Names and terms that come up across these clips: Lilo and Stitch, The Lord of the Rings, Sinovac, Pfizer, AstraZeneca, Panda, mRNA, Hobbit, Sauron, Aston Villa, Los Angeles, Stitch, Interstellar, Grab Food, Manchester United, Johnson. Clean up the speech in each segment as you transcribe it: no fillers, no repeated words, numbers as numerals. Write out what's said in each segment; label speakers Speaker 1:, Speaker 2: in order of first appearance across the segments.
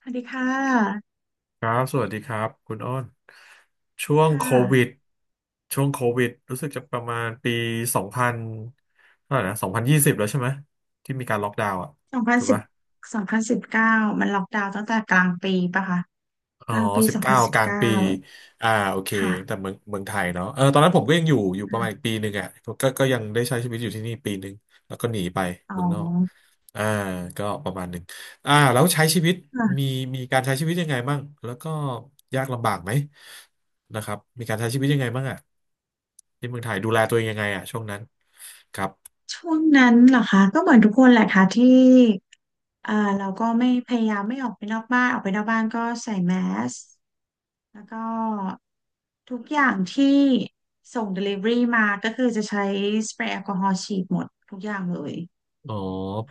Speaker 1: สวัสดีค่ะ
Speaker 2: ครับสวัสดีครับคุณอ้น ช่วง
Speaker 1: ค่
Speaker 2: โควิด
Speaker 1: ะ
Speaker 2: ช่วงโควิดรู้สึกจะประมาณปี สองพันเท่าไหร่นะสองพันยี่สิบแล้วใช่ไหม ที่มีการล็อกดาวน์อ่ะ
Speaker 1: สองพัน
Speaker 2: ถูก
Speaker 1: สิบ
Speaker 2: ปะ
Speaker 1: สองพันสิบเก้ามันล็อกดาวน์ตั้งแต่กลางปีปะคะ
Speaker 2: อ๋
Speaker 1: ก
Speaker 2: อ
Speaker 1: ลางปี
Speaker 2: สิบ
Speaker 1: สอง
Speaker 2: เก้า
Speaker 1: พันสิบ
Speaker 2: กลาง
Speaker 1: เก้า
Speaker 2: ปีอ่าโอเคแต่
Speaker 1: ค่ะ
Speaker 2: เมืองไทยเนาะเออตอนนั้นผมก็ยังอยู่ประมาณอี
Speaker 1: ค่ะ
Speaker 2: กปีหนึ่งอ่ะก็ยังได้ใช้ชีวิตอยู่ที่นี่ปีหนึ่งแล้วก็หนีไป
Speaker 1: อ๋อ
Speaker 2: เมืองนอกอ่าก็ประมาณหนึ่งอ่าแล้วใช้ชีวิตมี
Speaker 1: ค่ะ
Speaker 2: มีการใช้ชีวิตยังไงบ้างแล้วก็ยากลำบากไหมนะครับมีการใช้ชีวิตยังไงบ้างอ่ะที่เมืองไทยดูแลตัวเองยังไงอ่ะช่วงนั้นครับ
Speaker 1: ช่วงนั้นเหรอคะก็เหมือนทุกคนแหละค่ะที่เอ่อเราก็ไม่พยายามไม่ออกไปนอกบ้านออกไปนอกบ้านก็ใส่แมสแล้วก็ทุกอย่างที่ส่ง Delivery มาก็คือจะใช้สเปรย์แอลกอฮอล์ฉีดหมดทุกอย่างเลย
Speaker 2: อ๋อ
Speaker 1: ค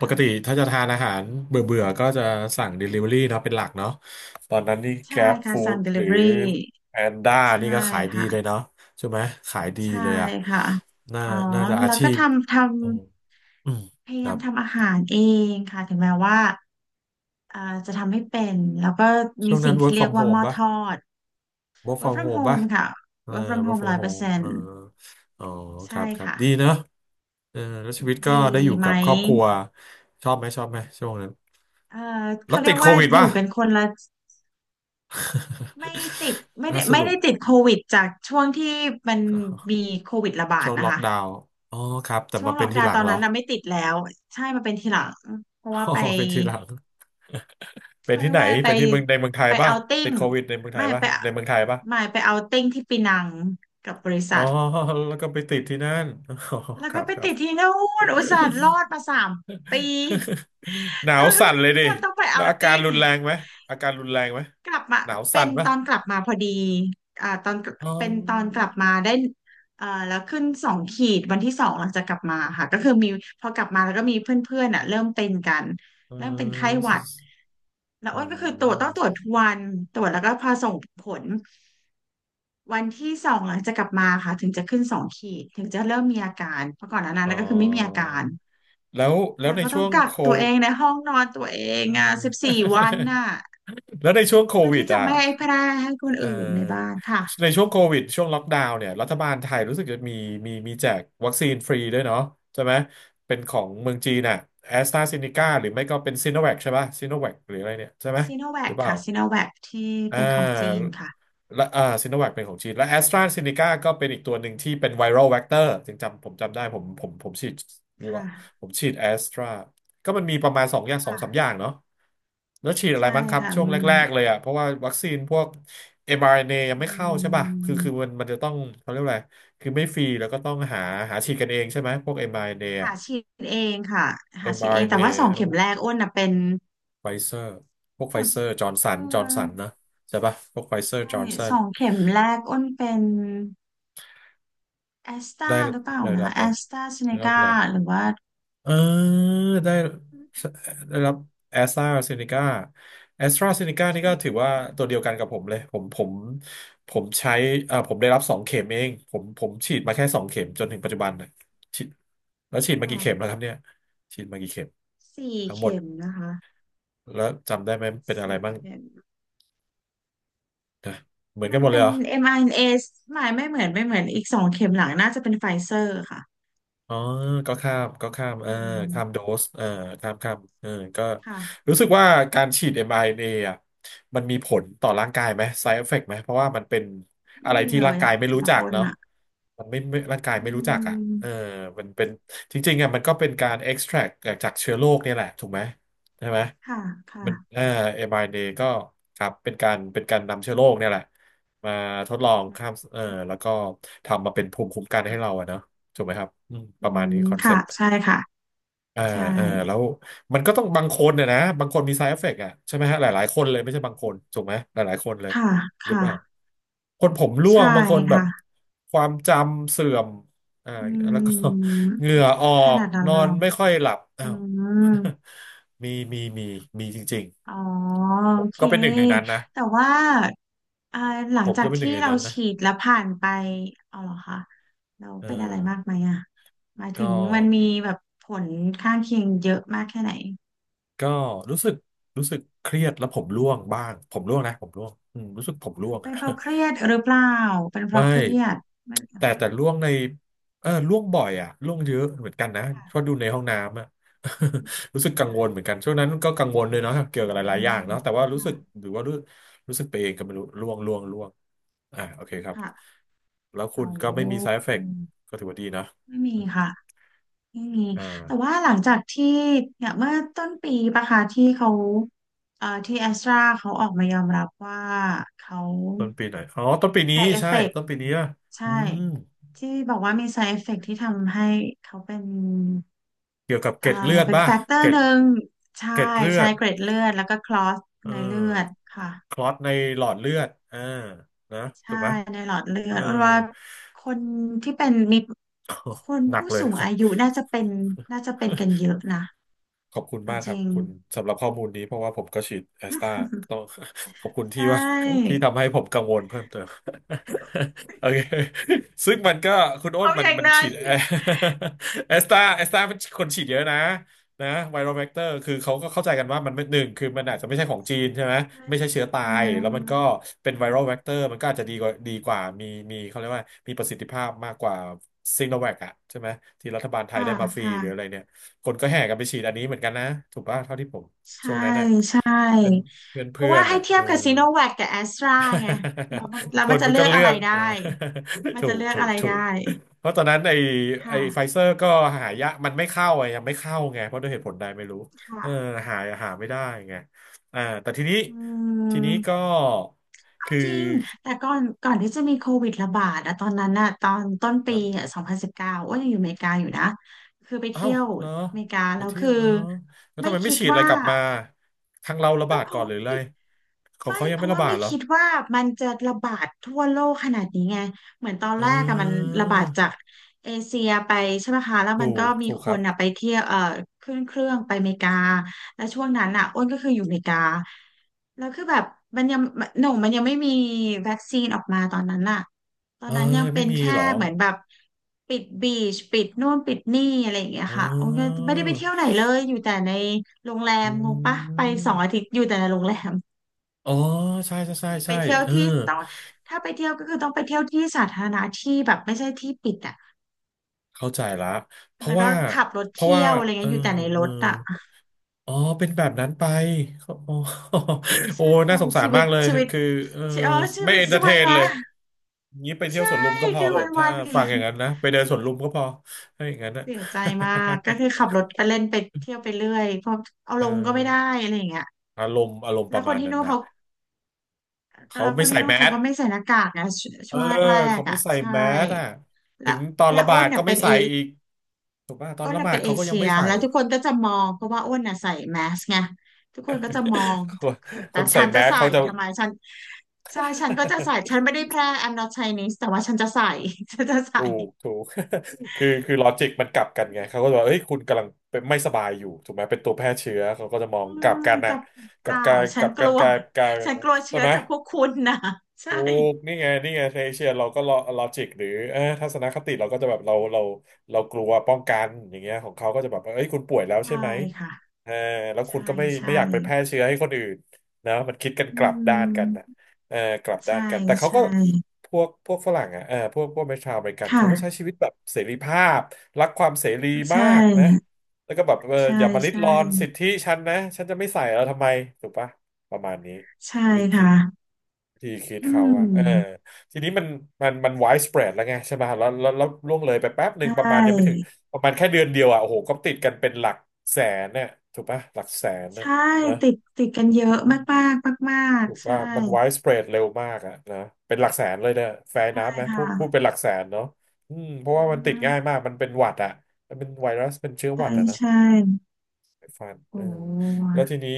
Speaker 2: ปกติ
Speaker 1: ่ะ
Speaker 2: ถ้าจะทานอาหารเบื่อเบื่อก็จะสั่ง Delivery เนาะเป็นหลักเนาะตอนนั้นนี่
Speaker 1: ใช่
Speaker 2: Grab
Speaker 1: ค่ะสั่
Speaker 2: Food
Speaker 1: ง
Speaker 2: หรือ
Speaker 1: Delivery
Speaker 2: Panda
Speaker 1: ใช่
Speaker 2: นี่ก็ขายดีเลย
Speaker 1: ค่ะ
Speaker 2: เนาะใช่ไหมขายดี
Speaker 1: ใช่
Speaker 2: เลยอ่ะ
Speaker 1: ค่ะ
Speaker 2: น่า
Speaker 1: อ๋อ
Speaker 2: น่าจะอา
Speaker 1: แล้ว
Speaker 2: ชี
Speaker 1: ก็
Speaker 2: พอืมอืม
Speaker 1: พ
Speaker 2: ค
Speaker 1: ยายา
Speaker 2: รั
Speaker 1: ม
Speaker 2: บ
Speaker 1: ทำอาหารเองค่ะถึงแม้ว่าจะทำไม่เป็นแล้วก็
Speaker 2: ช่
Speaker 1: มี
Speaker 2: วงนั้
Speaker 1: สิ่
Speaker 2: น
Speaker 1: ง
Speaker 2: work
Speaker 1: ที่เรีย
Speaker 2: from
Speaker 1: กว่าห
Speaker 2: home
Speaker 1: ม้อ
Speaker 2: ป่ะ
Speaker 1: ทอด
Speaker 2: work
Speaker 1: work
Speaker 2: from
Speaker 1: from
Speaker 2: home ป่ะ
Speaker 1: home ค่ะ
Speaker 2: เออ
Speaker 1: work from
Speaker 2: work
Speaker 1: home
Speaker 2: from
Speaker 1: ร้อยเปอ
Speaker 2: home
Speaker 1: ร์เซ็
Speaker 2: เอ
Speaker 1: น
Speaker 2: อ
Speaker 1: ต์
Speaker 2: อ๋อค
Speaker 1: ใช่
Speaker 2: รับครับ
Speaker 1: ค่ะ
Speaker 2: ดีเนาะเออแล้วชีวิตก็
Speaker 1: ดี
Speaker 2: ได้อยู่
Speaker 1: ไหม
Speaker 2: กับครอบครัวชอบไหมชอบไหมช่วงนั้น
Speaker 1: เอ่อ
Speaker 2: แล้
Speaker 1: เขา
Speaker 2: ว
Speaker 1: เรี
Speaker 2: ติ
Speaker 1: ย
Speaker 2: ด
Speaker 1: ก
Speaker 2: โค
Speaker 1: ว่า
Speaker 2: วิด
Speaker 1: อ
Speaker 2: ป่ะ
Speaker 1: ยู่กันคนละไม่ติดไม่
Speaker 2: ถ้า
Speaker 1: ได้
Speaker 2: ส
Speaker 1: ไม่
Speaker 2: รุป
Speaker 1: ได้ติดโควิดจากช่วงที่มันมีโควิดระ บา
Speaker 2: ช่
Speaker 1: ด
Speaker 2: วง
Speaker 1: นะ
Speaker 2: ล็อก
Speaker 1: คะ
Speaker 2: ดาวน์อ๋อครับแต่
Speaker 1: ช่ว
Speaker 2: มา
Speaker 1: ง
Speaker 2: เป็
Speaker 1: ล็อ
Speaker 2: น
Speaker 1: ก
Speaker 2: ที
Speaker 1: ดาว
Speaker 2: ห
Speaker 1: น์
Speaker 2: ลั
Speaker 1: ต
Speaker 2: ง
Speaker 1: อน
Speaker 2: เหรอ
Speaker 1: นั้นน่ะไม่ติดแล้วใช่มาเป็นทีหลังเพราะ ว่า
Speaker 2: อ๋อ
Speaker 1: ไป
Speaker 2: เป็นทีหลังเป็น
Speaker 1: เขาเรี
Speaker 2: ที่
Speaker 1: ยก
Speaker 2: ไหน
Speaker 1: ว่าอะไรไป
Speaker 2: เป็นที่เมืองในเมืองไทย
Speaker 1: ไป
Speaker 2: ป่ะ
Speaker 1: เอาติ้
Speaker 2: ติ
Speaker 1: ง
Speaker 2: ดโควิดในเมืองไท
Speaker 1: ไม่
Speaker 2: ยป่ะ
Speaker 1: ไป
Speaker 2: ในเมืองไทยป่ะ
Speaker 1: ไม่ไปเอาติ้งที่ปีนังกับบริ
Speaker 2: อ๋อ
Speaker 1: ษัท
Speaker 2: แล้วก็ไปติดที่นั่น อ๋อ
Speaker 1: แล้
Speaker 2: ค
Speaker 1: ว
Speaker 2: รั
Speaker 1: ก็
Speaker 2: บ
Speaker 1: ไป
Speaker 2: ครับ
Speaker 1: ติดที่นู่นอุตส่าห์รอดมา3 ปี
Speaker 2: หนา
Speaker 1: แล้
Speaker 2: ว
Speaker 1: ว
Speaker 2: สั่นเลยดิ
Speaker 1: ก็ต้องไป
Speaker 2: แล้
Speaker 1: เอา
Speaker 2: วอาการ
Speaker 1: ติ้ง
Speaker 2: รุนแรงไหมอาการรุนแรงไหม
Speaker 1: กลับมา
Speaker 2: หนาว
Speaker 1: เป็
Speaker 2: สั่น
Speaker 1: น
Speaker 2: ปะ
Speaker 1: ตอนกลับมาพอดีตอน
Speaker 2: อ๋อ
Speaker 1: เป็นตอนกลับมาได้แล้วขึ้นสองขีดวันที่สองหลังจากกลับมาค่ะก็คือมีพอกลับมาแล้วก็มีเพื่อนๆอ่ะเริ่มเป็นกัน
Speaker 2: เ
Speaker 1: เริ่มเป็นไข้
Speaker 2: ออ
Speaker 1: หวัดแล้ว
Speaker 2: อื
Speaker 1: อ้นก็คือตรวจต้องตร
Speaker 2: ม
Speaker 1: วจทุกวันตรวจแล้วก็พอส่งผลวันที่สองหลังจากกลับมาค่ะถึงจะขึ้นสองขีดถึงจะเริ่มมีอาการเพราะก่อนหน้านั้
Speaker 2: อ๋อ
Speaker 1: นก็คือไม่มีอาการ
Speaker 2: แล้วแล้ว
Speaker 1: แล้ว
Speaker 2: ใน
Speaker 1: ก็ต้
Speaker 2: ช่
Speaker 1: อ
Speaker 2: ว
Speaker 1: ง
Speaker 2: ง
Speaker 1: กั
Speaker 2: โค
Speaker 1: กตัวเองในห้องนอนตัวเอง
Speaker 2: เอ
Speaker 1: อ่ะสิบสี่
Speaker 2: อ
Speaker 1: วันน่ะ
Speaker 2: แล้วในช่วงโค
Speaker 1: เพื่อ
Speaker 2: วิด
Speaker 1: ที่จะ
Speaker 2: อ่ะ
Speaker 1: ไม่ให้แพร่ให้คน
Speaker 2: เอ่
Speaker 1: อื่นในบ้าน
Speaker 2: อ
Speaker 1: ค่ะ
Speaker 2: ในช่วงโควิดช่วงล็อกดาวน์เนี่ยรัฐบาลไทยรู้สึกจะมีมีแจกวัคซีนฟรีด้วยเนาะใช่ไหมเป็นของเมืองจีนน่ะแอสตราเซเนกาหรือไม่ก็เป็นซิโนแวคใช่ป่ะซิโนแวคหรืออะไรเนี่ยใช่ไหม
Speaker 1: ซีโนแว
Speaker 2: หรื
Speaker 1: ค
Speaker 2: อเปล่า
Speaker 1: ค่ะซีโนแวคที่
Speaker 2: อ่
Speaker 1: เป็นของจี
Speaker 2: า
Speaker 1: นค่ะ
Speaker 2: และอ่าซิโนแวคเป็นของจีนและแอสตราเซเนกาก็เป็นอีกตัวหนึ่งที่เป็นไวรัลแว c เตอร์จำผมจำได้ผมผมฉีดวัว
Speaker 1: ค่ะ
Speaker 2: ผมฉีดแอสตราก็มันมีประมาณสองอย่างสองสาม
Speaker 1: ค่ะ
Speaker 2: อย่างเนาะแล้วฉีดอะไร
Speaker 1: ใช่
Speaker 2: บ้างครับ
Speaker 1: ค่ะ
Speaker 2: ช่วง
Speaker 1: อืม
Speaker 2: แรกๆเลยอ่ะเพราะว่าวัคซีนพวก mRNA ยัง
Speaker 1: อื
Speaker 2: ไม่เข้าใช่ป่ะคือ
Speaker 1: ม
Speaker 2: คือมันมันจะต้องเขาเรียกว่าอะไรคือไม่ฟรีแล้วก็ต้องหาฉีดกันเองใช่ไหมพวก mRNA
Speaker 1: หาฉีดเองค่ะ
Speaker 2: อ
Speaker 1: หา
Speaker 2: ม
Speaker 1: ฉีด
Speaker 2: อาร์
Speaker 1: เอง
Speaker 2: เอ็น
Speaker 1: แต่
Speaker 2: เออะ
Speaker 1: ว่าสอง
Speaker 2: mRNA
Speaker 1: เข็มแรกอ้นนะเป็น
Speaker 2: ไฟเซอร์พวก
Speaker 1: ส
Speaker 2: ไฟ
Speaker 1: อง
Speaker 2: เซอร์จอร์นสั
Speaker 1: เอ
Speaker 2: นจอร์นสัน
Speaker 1: อ
Speaker 2: นะใช่ป่ะพวกไฟเซอ
Speaker 1: ใช่
Speaker 2: ร์จอร์นสั
Speaker 1: ส
Speaker 2: น
Speaker 1: องเข็มแรกอ้นเป็นแอสตรา
Speaker 2: ได้
Speaker 1: หรือเปล่า
Speaker 2: ได้
Speaker 1: นะ
Speaker 2: รับเล
Speaker 1: แอ
Speaker 2: ย
Speaker 1: สตราเซเน
Speaker 2: ได้รับ
Speaker 1: กา
Speaker 2: เลย
Speaker 1: หรือว่า
Speaker 2: เออได้ได้รับแอสตราเซเนกาแอสตราเซเนกานี่ก็ถือว่าตัวเดียวกันกับผมเลยผมผมใช้อ่าผมได้รับสองเข็มเองผมฉีดมาแค่สองเข็มจนถึงปัจจุบันนะฉีดแล้วฉีดมากี่
Speaker 1: ค่ะ
Speaker 2: เข็มแล้วครับเนี่ยฉีดมากี่เข็ม
Speaker 1: สี่
Speaker 2: ทั้งหมด
Speaker 1: เข็มนะคะ
Speaker 2: แล้วจำได้ไหมเป็นอะไร
Speaker 1: สี่
Speaker 2: บ้าง
Speaker 1: เข็ม
Speaker 2: นะเหมือนกั
Speaker 1: มั
Speaker 2: น
Speaker 1: น
Speaker 2: หมดเล
Speaker 1: เป็
Speaker 2: ย
Speaker 1: น
Speaker 2: เหรอ
Speaker 1: m i n a ไม่เหมือนอีกสองเข็มหลังน่าจะเป็นไฟเซอร์ค่ะ
Speaker 2: อ๋อ ก็ข้ามก็ข้ามเออ
Speaker 1: อื
Speaker 2: ข้ามโด
Speaker 1: ม
Speaker 2: สเออข้ามข้ามเออก็
Speaker 1: ค่ะ
Speaker 2: รู้สึกว่าการฉีด mRNA อมอาร์เอ็นเออ่ะมันมีผลต่อร่างกายไหม side effect ไหม เพราะว่ามันเป็น
Speaker 1: ไม่
Speaker 2: อะไร
Speaker 1: มี
Speaker 2: ที่
Speaker 1: เล
Speaker 2: ร่าง
Speaker 1: ย
Speaker 2: กาย
Speaker 1: อะ
Speaker 2: ไม่รู้
Speaker 1: สำหรับ
Speaker 2: จัก
Speaker 1: อ้น
Speaker 2: เนาะ
Speaker 1: อะ
Speaker 2: มันไม่ไม่ร่างกาย
Speaker 1: อื
Speaker 2: ไม่รู้จักอ่ะเออ
Speaker 1: ม
Speaker 2: มันเป็นจริงๆอ่ะมันก็เป็นการ extract จากเชื้อโรคเนี่ยแหละ ถูกไหมใช่ไหม
Speaker 1: ค่ะ
Speaker 2: มัน
Speaker 1: ค่ะ
Speaker 2: เออ mRNA ก็ครับเป็นการเป็นการนำเชื้อโรคเนี่ยแหละ มาทดลองข้ามเออแล้วก็ทำมาเป็นภูมิคุ้มกันให้
Speaker 1: ค่ะ
Speaker 2: เราอะเนาะ ถูกไหมครับอืมป
Speaker 1: อื
Speaker 2: ระมาณนี้
Speaker 1: ม
Speaker 2: คอนเซ็
Speaker 1: ค่ะ
Speaker 2: ปต์
Speaker 1: ใช่ค่ะ
Speaker 2: อ่า
Speaker 1: ใช่
Speaker 2: อ่าแล้วมันก็ต้องบางคนเนี่ยนะบางคนมี side effect อ่ะใช่ไหมฮะหลายๆคนเลยไม่ใช่บางคนถูกไหมหลายๆคนเลย
Speaker 1: ค่ะ
Speaker 2: ห
Speaker 1: ค
Speaker 2: รือเปล่า
Speaker 1: ่ะ
Speaker 2: คนผมร่วง
Speaker 1: ใช่
Speaker 2: บางคนแบบ
Speaker 1: ค่ะ
Speaker 2: ความจำเสื่อมอ่า
Speaker 1: อื
Speaker 2: แล้ว
Speaker 1: ม
Speaker 2: ก็ เหงื่อออ
Speaker 1: ข
Speaker 2: ก
Speaker 1: นาดนั้น
Speaker 2: นอ
Speaker 1: เลย
Speaker 2: น
Speaker 1: เหรอ
Speaker 2: ไม่ค่อยหลับอ้า
Speaker 1: อื
Speaker 2: ว
Speaker 1: ม
Speaker 2: มีมีจริง
Speaker 1: อ๋อ
Speaker 2: ๆผ
Speaker 1: โอ
Speaker 2: ม
Speaker 1: เค
Speaker 2: ก็เป็นหนึ่งในนั้นนะ
Speaker 1: แต่ว่าอ่าหลั
Speaker 2: ผ
Speaker 1: ง
Speaker 2: ม
Speaker 1: จา
Speaker 2: ก็
Speaker 1: ก
Speaker 2: เป็นหนึ่
Speaker 1: ที่
Speaker 2: งใน
Speaker 1: เรา
Speaker 2: นั้นนะ
Speaker 1: ฉีดแล้วผ่านไปเอาเหรอคะเรา
Speaker 2: เออ
Speaker 1: เป็นอะไรมากไหมอ่ะหมาย
Speaker 2: ก็
Speaker 1: ถึงมันมีแบบผลข้างเคียงเยอะมากแค่ไหน
Speaker 2: ก็รู้สึกรู้สึกเครียดแล้วผมร่วงบ้างผมร่วงนะผมร่วงอืมรู้สึกผมร่วง
Speaker 1: เป็
Speaker 2: อ่ะ
Speaker 1: นเพราะเครียดหรือเปล่าเป็น เพ
Speaker 2: ไม่
Speaker 1: ราะเครียดมันค่ะ
Speaker 2: แต่แต่ร่วงในเออร่วงบ่อยอ่ะร่วงเยอะเหมือนกันนะเพราะดูในห้องน้ำอ่ะ รู้สึกกังวลเหมื
Speaker 1: ค่ะ
Speaker 2: อนกันช่วงนั้นก็กังวลเลยเนาะเกี่ยว
Speaker 1: อื
Speaker 2: กับหลายๆอย่า
Speaker 1: ม
Speaker 2: งเนาะแต่ว่ารู้
Speaker 1: ค่ะ
Speaker 2: สึกหรือว่ารู้สึกไปเองก็ไม่รู้ร่วงร่วงร่วงอ่าโอเคครับ
Speaker 1: ค่ะ
Speaker 2: แล้วคุ
Speaker 1: อ๋
Speaker 2: ณก็ไม่มี side
Speaker 1: อ
Speaker 2: effect ก็ถือว่าดีนะ
Speaker 1: ไม่มี
Speaker 2: อืม
Speaker 1: ค่ะ อืม
Speaker 2: อ
Speaker 1: แต่
Speaker 2: ่า
Speaker 1: ว่าหลังจากที่เนี่ยเมื่อต้นปีปะคะที่เขาที่แอสตราเขาออกมายอมรับว่าเขา
Speaker 2: ต้นปีไหนอ๋อต้นปี
Speaker 1: มี
Speaker 2: นี้
Speaker 1: s i เอฟ
Speaker 2: ใช่
Speaker 1: เฟก c t
Speaker 2: ต้นปีนี้อ่ะ
Speaker 1: ใช่
Speaker 2: อืม
Speaker 1: ที่บอกว่ามี s i เอฟเฟก c t ที่ทำให้เขาเป็น
Speaker 2: เกี่ยวกับเก
Speaker 1: เอ่
Speaker 2: ล็
Speaker 1: อ
Speaker 2: ดเลือด
Speaker 1: เป็น
Speaker 2: บ้า
Speaker 1: แฟกเตอ
Speaker 2: เก
Speaker 1: ร์
Speaker 2: ล็
Speaker 1: ห
Speaker 2: ด
Speaker 1: นึ่งใช่
Speaker 2: เกล็ดเลือ
Speaker 1: ใช่
Speaker 2: ด
Speaker 1: เกร็ดเลือดแล้วก็คลอส
Speaker 2: เ
Speaker 1: ในเลือด
Speaker 2: ออ
Speaker 1: ค่ะ
Speaker 2: คลอตในหลอดเลือดอ่านะ ถู
Speaker 1: ใช่
Speaker 2: กปะ
Speaker 1: ในหลอดเลื
Speaker 2: เอ
Speaker 1: อ
Speaker 2: อ
Speaker 1: ดอ้วนว่าคนที่เป็นมีคน
Speaker 2: หนัก
Speaker 1: ผู้
Speaker 2: เลย
Speaker 1: สูงอายุน่าจะเป็นน่าจะเป็นกันเยอะนะ
Speaker 2: ขอบคุณ
Speaker 1: เอา
Speaker 2: มากค
Speaker 1: จ
Speaker 2: รับ
Speaker 1: ริง
Speaker 2: คุณสำหรับข้อมูลนี้เพราะว่าผมก็ฉีดแอสตราต้อง ขอบคุณ
Speaker 1: ใช
Speaker 2: ที่ว่า
Speaker 1: ่
Speaker 2: ที่ทำให้ผมกังวลเพิ่มเติม โอเคซึ่งมันก็คุณโอ้
Speaker 1: เพ
Speaker 2: น
Speaker 1: ราะ
Speaker 2: มั
Speaker 1: อ
Speaker 2: น
Speaker 1: ย่าง
Speaker 2: มัน
Speaker 1: นั้
Speaker 2: ฉี
Speaker 1: น
Speaker 2: ด แอแอสตราเป็นคนฉีดเยอะนะนะไวรัลแบคเตอร์คือเขาก็เข้าใจกันว่ามันไม่หนึ่งคือมันอาจจะไม่ใช่ของจีนใช่ไหมไม่ใช่เชื้อตา
Speaker 1: เ
Speaker 2: ยแล้วมันก็
Speaker 1: ออ
Speaker 2: เป็นไวรัลแบคเตอร์มันก็อาจจะดีกว่ามีเขาเรียกว่ามีประสิทธิภาพมากกว่าซิโนแวคอะใช่ไหมที่รัฐบาลไทย
Speaker 1: ค่ะ
Speaker 2: ได้มาฟรีหรืออะไร
Speaker 1: ค่ะ
Speaker 2: เนี่ย คนก็แห่กันไปฉีดอันนี้เหมือนกันนะถูกป่ะเท่าที่ผม
Speaker 1: ใช่
Speaker 2: ช่วงนั้นน่ะ
Speaker 1: ใช่
Speaker 2: เพื่อนเพื่อน
Speaker 1: เพ
Speaker 2: เพื่
Speaker 1: ราะ
Speaker 2: อ
Speaker 1: ว่า
Speaker 2: น
Speaker 1: ให้
Speaker 2: น่ะ
Speaker 1: เที
Speaker 2: เอ
Speaker 1: ย
Speaker 2: อ
Speaker 1: บกับซีโนแวคกับแอสตราไง เราเรา
Speaker 2: ค
Speaker 1: มั
Speaker 2: น
Speaker 1: นจะ
Speaker 2: มัน
Speaker 1: เลื
Speaker 2: ก็
Speaker 1: อก
Speaker 2: เลื
Speaker 1: อะ
Speaker 2: อ
Speaker 1: ไร
Speaker 2: ก
Speaker 1: ได้
Speaker 2: อ่า
Speaker 1: มัน
Speaker 2: ถู
Speaker 1: จะ
Speaker 2: ก
Speaker 1: เลือก
Speaker 2: ถู
Speaker 1: อะ
Speaker 2: ก
Speaker 1: ไร
Speaker 2: ถู
Speaker 1: ได้
Speaker 2: กเพราะตอนนั้นไอ้ไฟ
Speaker 1: ค่ะ
Speaker 2: เซอร์ก็หายะมันไม่เข้าไงยังไม่เข้าไงเพราะด้วยเหตุผลใดไม่รู้เอ
Speaker 1: ค่ะ
Speaker 2: อหาหาไม่ได้ไงอ่าแต่ทีนี้
Speaker 1: อื
Speaker 2: ทีนี้ก็
Speaker 1: มเอา
Speaker 2: คือ
Speaker 1: จริงแต่ก่อนที่จะมีโควิดระบาดอะตอนนั้นอะตอนต้น
Speaker 2: ค
Speaker 1: ปี
Speaker 2: รับ
Speaker 1: อะสองพันสิบเก้าโอ้วยังอยู่อเมริกาอยู่นะคือไป
Speaker 2: เอ้า
Speaker 1: เที่ยว
Speaker 2: เหรอ
Speaker 1: อเมริกา
Speaker 2: ไป
Speaker 1: แล้ว
Speaker 2: เที่ย
Speaker 1: คื
Speaker 2: ว
Speaker 1: อ
Speaker 2: เออแล้วทำ
Speaker 1: ไม่
Speaker 2: ไมไม่
Speaker 1: คิด
Speaker 2: ฉีดอะไร
Speaker 1: ว่า
Speaker 2: กลับมาทางเราระ
Speaker 1: ก็
Speaker 2: บาด
Speaker 1: เพ
Speaker 2: ก่อ
Speaker 1: ราะ
Speaker 2: นห
Speaker 1: ว่า
Speaker 2: รืออะไร
Speaker 1: ไม่
Speaker 2: ของ
Speaker 1: ไม่
Speaker 2: เขายัง
Speaker 1: เพ
Speaker 2: ไม่
Speaker 1: ราะ
Speaker 2: ระ
Speaker 1: ว่า
Speaker 2: บาด
Speaker 1: ไม่
Speaker 2: เหรอ
Speaker 1: คิดว่ามันจะระบาดทั่วโลกขนาดนี้ไงเหมือนตอน
Speaker 2: อ่
Speaker 1: แรกอะมัน
Speaker 2: า
Speaker 1: ระบาดจากเอเชียไปใช่ไหมคะแล้วมัน
Speaker 2: ถู
Speaker 1: ก็
Speaker 2: ก
Speaker 1: มี
Speaker 2: ถูก
Speaker 1: ค
Speaker 2: ครับ
Speaker 1: นอะไปเที่ยวขึ้นเครื่องไปอเมริกาแล้วช่วงนั้นอะอ้นก็คืออยู่อเมริกาแล้วคือแบบมันยังหนูมันยังไม่มีวัคซีนออกมาตอนนั้นอะ ตอน
Speaker 2: อ่า
Speaker 1: นั้นยัง
Speaker 2: ยัง
Speaker 1: เป็
Speaker 2: ไม่
Speaker 1: น
Speaker 2: มี
Speaker 1: แค่
Speaker 2: เหรอ
Speaker 1: เหมือนแบบปิดบีชปิดนู่นปิดนี่อะไรอย่างเงี้ย
Speaker 2: อ๋
Speaker 1: ค่ะโองค์ก็
Speaker 2: อ
Speaker 1: ไม่ได้ไปเที่ยวไหนเลยอยู่แต่ในโรงแร
Speaker 2: อื
Speaker 1: มงงปะไปสองอา
Speaker 2: ม
Speaker 1: ทิตย์อยู่แต่ในโรงแรม
Speaker 2: อ๋อใช่ใช่ใช่
Speaker 1: มีไป
Speaker 2: ใช่
Speaker 1: เที่ยว
Speaker 2: เออ
Speaker 1: ที่ต้องถ้าไปเที่ยวก็คือต้องไปเที่ยวที่สาธารณะที่แบบไม่ใช่ที่ปิดอ่ะ
Speaker 2: เข้าใจละเพ
Speaker 1: แล้
Speaker 2: ราะ
Speaker 1: วก็
Speaker 2: ว่า
Speaker 1: ขับรถ
Speaker 2: เพราะ
Speaker 1: เที่
Speaker 2: ว่า
Speaker 1: ยวอะไร
Speaker 2: เออ
Speaker 1: เงี้ยอยู่แต่ในร
Speaker 2: เออ
Speaker 1: ถอ่ะ
Speaker 2: อ๋อเป็นแบบนั้นไป เขาอ๋อโอ้น่า
Speaker 1: ใช่
Speaker 2: สงสาร
Speaker 1: ชีวิ
Speaker 2: มา
Speaker 1: ต
Speaker 2: กเลย
Speaker 1: ชีวิต
Speaker 2: คือเออ
Speaker 1: ชีอ๋อชี
Speaker 2: ไม่
Speaker 1: วิ
Speaker 2: เอ
Speaker 1: ต
Speaker 2: นเตอ
Speaker 1: ส
Speaker 2: ร์เท
Speaker 1: วย
Speaker 2: นเล
Speaker 1: มะ
Speaker 2: ยงี้ไปเที่ยว
Speaker 1: ใช่
Speaker 2: สวนลุมก็พอ
Speaker 1: คือ
Speaker 2: เห
Speaker 1: วั
Speaker 2: อะ
Speaker 1: น
Speaker 2: ถ้า
Speaker 1: วัน
Speaker 2: ฟังอย่างนั้นนะไปเดินสวนลุมก็พอถ้าอย่างนั้นนะ
Speaker 1: เสียใจมากก็คือ ขับรถไปเล่นไปเที่ยวไปเรื่อยเพราะเอา
Speaker 2: เออ
Speaker 1: ลงก็ไม่ได้อะไรอย่างเงี้ย
Speaker 2: อารมณ์ป
Speaker 1: แล้ว
Speaker 2: ระ
Speaker 1: ค
Speaker 2: มา
Speaker 1: น
Speaker 2: ณ
Speaker 1: ที่
Speaker 2: นั้น
Speaker 1: นู่น
Speaker 2: นะ
Speaker 1: เขา
Speaker 2: เขา
Speaker 1: แล้วค
Speaker 2: ไม่
Speaker 1: น
Speaker 2: ใส่
Speaker 1: ที่นู่
Speaker 2: แม
Speaker 1: นเขา
Speaker 2: ส
Speaker 1: ก็ไม่ใส่หน้ากากนะช
Speaker 2: เอ
Speaker 1: ช่
Speaker 2: อ
Speaker 1: วงแร
Speaker 2: เขา
Speaker 1: กๆ
Speaker 2: ไม่
Speaker 1: อ่ะ
Speaker 2: ใส่
Speaker 1: ใช่
Speaker 2: แมสอ่ะถึ
Speaker 1: แล้
Speaker 2: ง
Speaker 1: ว
Speaker 2: ตอนระบา
Speaker 1: อ้น
Speaker 2: ด
Speaker 1: เนี่
Speaker 2: ก็
Speaker 1: ย
Speaker 2: ไม่
Speaker 1: เป็นเอ
Speaker 2: ใส่อีกถูกป่ะตอ
Speaker 1: อ้
Speaker 2: น
Speaker 1: น
Speaker 2: ระ
Speaker 1: เนี่ย
Speaker 2: บาด
Speaker 1: เป็นเอ
Speaker 2: เขาก็ยั
Speaker 1: เชี
Speaker 2: ง
Speaker 1: ย
Speaker 2: ไม่ใส่
Speaker 1: แล้วทุกคนก็จะมองเพราะว่าอ้นเนี่ยใส่แมสไงทุกคนก็จะมอง
Speaker 2: คนค
Speaker 1: แต่
Speaker 2: นใส่
Speaker 1: ฉัน
Speaker 2: แม
Speaker 1: จะ
Speaker 2: ส
Speaker 1: ใส่
Speaker 2: เขาจะ
Speaker 1: ทำไมฉันใช่ฉันก็จะใส่ฉันไม่ได้แพร่ I'm not Chinese แต่ว่าฉันจะใส่ ฉันจะใส่
Speaker 2: ถูกถูก คือลอจิกมันกลับกันไงเขาก็จะบอกเอ้ยคุณกำลังเป็นไม่สบายอยู่ถูกไหมเป็นตัวแพร่เชื้อเขาก็จะมอ
Speaker 1: อื
Speaker 2: งกลับ
Speaker 1: ม
Speaker 2: กัน
Speaker 1: แต่
Speaker 2: น่ะ
Speaker 1: เป
Speaker 2: กลับ
Speaker 1: ล่า
Speaker 2: กลายก
Speaker 1: ฉั
Speaker 2: ลั
Speaker 1: น
Speaker 2: บ
Speaker 1: ก
Speaker 2: กัน
Speaker 1: ลั
Speaker 2: ก
Speaker 1: ว
Speaker 2: ลายกลายเป็น
Speaker 1: ฉัน
Speaker 2: ว่า
Speaker 1: กลัว
Speaker 2: ใช่
Speaker 1: เชื้อ
Speaker 2: ไหม
Speaker 1: จากพวกคุณนะ ใช่
Speaker 2: ถูกนี่ไงนี่ไงในเอเชียเราก็ลอจิกหรือเออทัศนคติเราก็จะแบบเรากลัวป้องกันอย่างเงี้ยของเขาก็จะแบบเอ้ยคุณป่วยแล้วใช่
Speaker 1: ใช่
Speaker 2: ไหม
Speaker 1: ค่ะ
Speaker 2: เออแล้วคุ
Speaker 1: ใช่
Speaker 2: ณก็ไม่
Speaker 1: ใช่
Speaker 2: ไม่อยากไปแพร่เชื้อให้คนอื่นนะมันคิดกัน
Speaker 1: อื
Speaker 2: กลับด้านกันนะ
Speaker 1: ม
Speaker 2: เออกลับด้า
Speaker 1: ใช่
Speaker 2: นกันแต่เขา
Speaker 1: ใช่
Speaker 2: ก็พวกฝรั่งอ่ะเออพวกชาวอเมริกันเขาก็ใช้
Speaker 1: ค่ะ
Speaker 2: ชีวิตแบบเสรีภาพรักความเสรี
Speaker 1: ใช่
Speaker 2: มากนะแล้วก็แบบเออ
Speaker 1: ใช่
Speaker 2: อย่ามาริด
Speaker 1: ใช่
Speaker 2: รอนสิทธิฉันนะฉันจะไม่ใส่แล้วทำไมถูกปะประมาณนี้
Speaker 1: ใช่ค่ะ
Speaker 2: ที่คิด
Speaker 1: อื
Speaker 2: เขาอะเออ
Speaker 1: ม
Speaker 2: ทีนี้มัน wide spread แล้วไงใช่ไหมแล้วล่วงเลยไปแป๊บห
Speaker 1: ใช
Speaker 2: นึ่งประมาณยังไม่ถึง
Speaker 1: ่
Speaker 2: ประมาณแค่เดือนเดียวอะโอ้โหก็ติดกันเป็นหลักแสนเนี่ยถูกปะหลักแสนเนี่ย
Speaker 1: ใช่
Speaker 2: นะ
Speaker 1: ติดกันเยอะมากมากมากมาก
Speaker 2: ถูก
Speaker 1: ๆใช่
Speaker 2: ว่ามัน wide spread เร็วมากอะนะเป็นหลักแสนเลยเนี่ยแฟร์
Speaker 1: ใช่
Speaker 2: นับไหมพู
Speaker 1: ค่ะ
Speaker 2: ดพูดเป็นหลักแสนเนาะอืมเพราะว่ามันติดง่ายมากมันเป็นหวัดอะมันเป็นไวรัสเป็นเชื้อหวั
Speaker 1: ใช่
Speaker 2: ดอะนะ
Speaker 1: ใช่
Speaker 2: ไอ้ฟัน
Speaker 1: โอ
Speaker 2: เออ
Speaker 1: ้
Speaker 2: แล้วทีนี้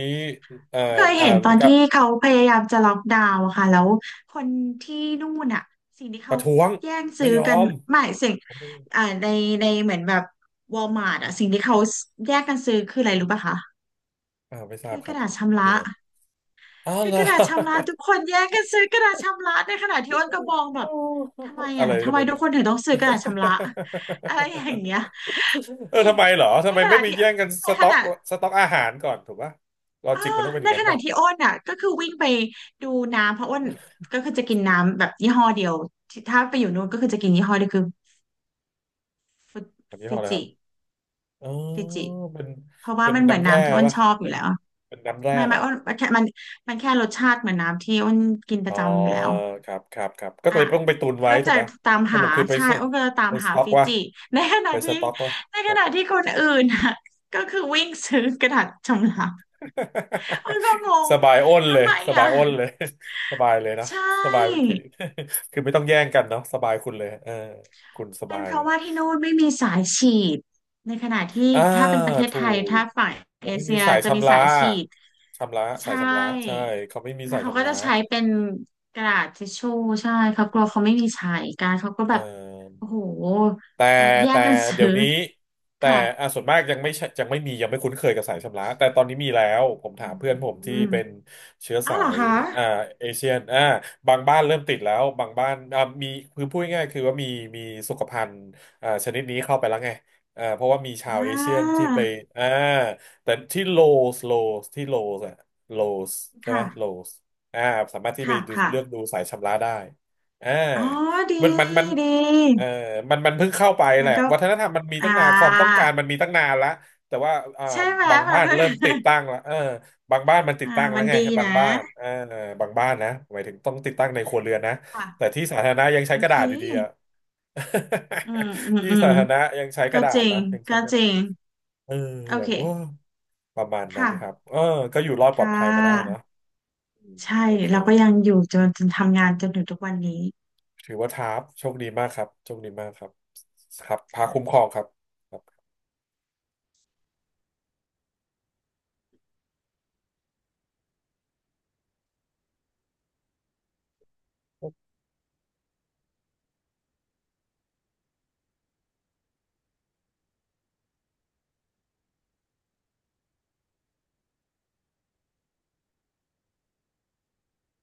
Speaker 2: เอ่อ
Speaker 1: เคย
Speaker 2: อ่า
Speaker 1: เห็นตอน
Speaker 2: กับ
Speaker 1: ที่เขาพยายามจะล็อกดาวน์อะค่ะแล้วคนที่นู่นอะสิ่งที่
Speaker 2: ป
Speaker 1: เขา
Speaker 2: ระท้วง
Speaker 1: แย่งซื้
Speaker 2: ไม่
Speaker 1: อ
Speaker 2: ย
Speaker 1: กั
Speaker 2: อ
Speaker 1: น
Speaker 2: ม
Speaker 1: หมายสิ่งอ่าในเหมือนแบบวอลมาร์ทอะสิ่งที่เขาแย่งกันซื้อคืออะไรรู้ป่ะคะ
Speaker 2: อ่าไม่ทรา
Speaker 1: คื
Speaker 2: บ
Speaker 1: อ
Speaker 2: ค
Speaker 1: ก
Speaker 2: รั
Speaker 1: ระ
Speaker 2: บ
Speaker 1: ดาษชำ
Speaker 2: เป็
Speaker 1: ระ
Speaker 2: นไร อ้าว
Speaker 1: คื
Speaker 2: เห
Speaker 1: อ
Speaker 2: รอ
Speaker 1: กระดาษชำระทุกคนแย่งกันซื้อกระดาษชำระในขณะที่อ้นก็มองแบบ
Speaker 2: อ
Speaker 1: ทำไม
Speaker 2: ะ
Speaker 1: อ่ะ
Speaker 2: ไร
Speaker 1: ทำ
Speaker 2: ทำ
Speaker 1: ไม
Speaker 2: ไม
Speaker 1: ทุ
Speaker 2: มั
Speaker 1: ก
Speaker 2: น
Speaker 1: คนถึงต้องซื้อกระดาษชำระ อะไรอย่างเงี้ย
Speaker 2: เออทำไมเหรอ
Speaker 1: ใน
Speaker 2: ทำไม
Speaker 1: ข
Speaker 2: ไม่
Speaker 1: ณะ
Speaker 2: ไป
Speaker 1: ที่
Speaker 2: แย่งกัน
Speaker 1: ใน
Speaker 2: ส
Speaker 1: ข
Speaker 2: ต็อก
Speaker 1: ณะ
Speaker 2: สต็อกอาหารก่อนถูกปะลอ
Speaker 1: เออ
Speaker 2: จิกมันต้องเป็นอ
Speaker 1: ใน
Speaker 2: ย่าง
Speaker 1: ข
Speaker 2: นั้น
Speaker 1: ณะ
Speaker 2: ป่ะ
Speaker 1: ที่อ้นอ่ะก็คือวิ่งไปดูน้ำเพราะอ้นก็คือจะกินน้ำแบบยี่ห้อเดียวที่ถ้าไปอยู่นู้นก็คือจะกินยี่ห้อเดียวคือฟิ
Speaker 2: อันนี้ห้อ
Speaker 1: ฟิ
Speaker 2: อะไรค
Speaker 1: จิ
Speaker 2: รับอ๋อ
Speaker 1: ฟิจิ
Speaker 2: เป็น
Speaker 1: เพราะว่า
Speaker 2: เป็น
Speaker 1: มันเหมือน
Speaker 2: น้ำแร่
Speaker 1: น้ำที่อ้น
Speaker 2: ป่ะ
Speaker 1: ชอบอ
Speaker 2: เป็
Speaker 1: ยู่
Speaker 2: น
Speaker 1: แล้ว
Speaker 2: เป็นน้ำแร่
Speaker 1: ไม่
Speaker 2: เหร
Speaker 1: ไม่
Speaker 2: อ
Speaker 1: อ้นมันแค่มันแค่รสชาติเหมือนน้ำที่อ้นกินป
Speaker 2: อ๋
Speaker 1: ระ
Speaker 2: อ
Speaker 1: จำอยู่แล้ว
Speaker 2: ครับก็
Speaker 1: อ่ะ
Speaker 2: เลยต้องไปตุนไว้
Speaker 1: ก็
Speaker 2: ถู
Speaker 1: จะ
Speaker 2: กปะ
Speaker 1: ตาม
Speaker 2: ส
Speaker 1: หา
Speaker 2: รุปคือไป
Speaker 1: ใช่
Speaker 2: ส
Speaker 1: อ้นก็จะตา
Speaker 2: ไป
Speaker 1: ม
Speaker 2: ส
Speaker 1: หา
Speaker 2: ต็อก
Speaker 1: ฟิ
Speaker 2: วะ
Speaker 1: จิในขณะ
Speaker 2: ไปส
Speaker 1: ที่
Speaker 2: ต็อกวะ
Speaker 1: ในขณะที่คนอื่นอ่ะก็คือวิ่งซื้อกระดาษชำระมันก็ง ง
Speaker 2: สบายอ้นเล
Speaker 1: ทำ
Speaker 2: ย
Speaker 1: ไม
Speaker 2: สบา
Speaker 1: อ่ะ
Speaker 2: ยอ้นเลย สบายเลยนะ
Speaker 1: ใช
Speaker 2: สบาย
Speaker 1: ่
Speaker 2: กิน คือไม่ต้องแย่งกันเนาะสบายคุณเลยเออคุณส
Speaker 1: เป็
Speaker 2: บา
Speaker 1: น
Speaker 2: ย
Speaker 1: เพ
Speaker 2: เล
Speaker 1: ราะ
Speaker 2: ย
Speaker 1: ว่าที่นู่นไม่มีสายฉีดในขณะที่
Speaker 2: อ่า
Speaker 1: ถ้าเป็นประเทศ
Speaker 2: ถู
Speaker 1: ไทย
Speaker 2: ก
Speaker 1: ถ้าฝั่ง
Speaker 2: เขา
Speaker 1: เอ
Speaker 2: ไม่
Speaker 1: เชี
Speaker 2: มี
Speaker 1: ย
Speaker 2: สาย
Speaker 1: จะมี
Speaker 2: ชำระ
Speaker 1: สายฉีด
Speaker 2: ชำระสา
Speaker 1: ใช่
Speaker 2: ยชำระใช่เขาไม่มี
Speaker 1: แล้ว
Speaker 2: สาย
Speaker 1: เขาก็
Speaker 2: ชำระ
Speaker 1: จะใช้เป็นกระดาษทิชชู่ใช่เขากลัวเขาไม่มีใช้กันเขาก็
Speaker 2: เอ
Speaker 1: แบ
Speaker 2: อ
Speaker 1: บโอ้โห
Speaker 2: แต่
Speaker 1: เขาแย่ง
Speaker 2: แต่
Speaker 1: กันซื้
Speaker 2: เดี๋ย
Speaker 1: อ
Speaker 2: วนี้แต่
Speaker 1: ค่ะ
Speaker 2: อ่ะส่วนมากยังไม่ใช่ยังไม่มียังไม่คุ้นเคยกับสายชำระแต่ตอนนี้มีแล้วผม
Speaker 1: อ
Speaker 2: ถามเพื่อนผมที่
Speaker 1: ืม
Speaker 2: เป็นเชื้อ
Speaker 1: อ้าว
Speaker 2: สา
Speaker 1: เหรอ
Speaker 2: ย
Speaker 1: คะ
Speaker 2: อ่าเอเชียนอ่าบางบ้านเริ่มติดแล้วบางบ้านอ่ามีคือพูดง่ายๆคือว่ามีสุขภัณฑ์อ่าชนิดนี้เข้าไปแล้วไงอ่าเพราะว่ามีชา
Speaker 1: อ่
Speaker 2: วเอเชียน
Speaker 1: า
Speaker 2: ที่ไปอ่าแต่สโลที่โลสอะโลสใช่ไหม
Speaker 1: ค่ะ
Speaker 2: โลสอ่าสามารถที่ไป
Speaker 1: ค่ะ
Speaker 2: ดูเลือก
Speaker 1: ค่ะ
Speaker 2: ดูสายชำระได้อ่า
Speaker 1: อ๋อดี
Speaker 2: มัน
Speaker 1: ดี
Speaker 2: เออมันเพิ่งเข้าไปแห
Speaker 1: มัน
Speaker 2: ละ
Speaker 1: ก็
Speaker 2: วัฒนธรรมมันมี
Speaker 1: อ่า
Speaker 2: ตั้งนานความต้องการมันมีตั้งนานละแต่ว่าอ่า
Speaker 1: ใช่ไหม
Speaker 2: บาง
Speaker 1: แบ
Speaker 2: บ้า
Speaker 1: บ
Speaker 2: น
Speaker 1: นั้น
Speaker 2: เริ่มติด ตั้งละเออบางบ้านมันติด
Speaker 1: อ่า
Speaker 2: ตั้งแล้
Speaker 1: มั
Speaker 2: ว
Speaker 1: น
Speaker 2: ไง
Speaker 1: ดี
Speaker 2: บาง
Speaker 1: นะ
Speaker 2: บ้านเออบางบ้านนะหมายถึงต้องติดตั้งในครัวเรือนนะ
Speaker 1: ค่ะ
Speaker 2: แต่ที่สาธารณะยังใช้
Speaker 1: โอ
Speaker 2: กระ
Speaker 1: เค
Speaker 2: ดาษอยู่ดีอะ
Speaker 1: อืมอืม
Speaker 2: ที่
Speaker 1: อืม
Speaker 2: สาธารณะยังใช้ก
Speaker 1: ก็
Speaker 2: ระดา
Speaker 1: จ
Speaker 2: ษ
Speaker 1: ริง
Speaker 2: นะยังใช้
Speaker 1: ก็
Speaker 2: กระ
Speaker 1: จ
Speaker 2: ดา
Speaker 1: ริ
Speaker 2: ษ
Speaker 1: ง
Speaker 2: เออ
Speaker 1: โอ
Speaker 2: แบ
Speaker 1: เค
Speaker 2: บโอ้ประมาณนั้
Speaker 1: ค่ะ
Speaker 2: นครับเออก็อยู่รอดปลอ
Speaker 1: ค่
Speaker 2: ดภัยมาได้เนอะ
Speaker 1: ะ
Speaker 2: อืม
Speaker 1: ใช่
Speaker 2: โอเค
Speaker 1: เราก็ยังอยู่จนทำงานจนถึงทุกวันนี้
Speaker 2: ถือว่าท้าบโชคดีมากครับโชคดีมากครับครับพาคุ้มครองครับครับ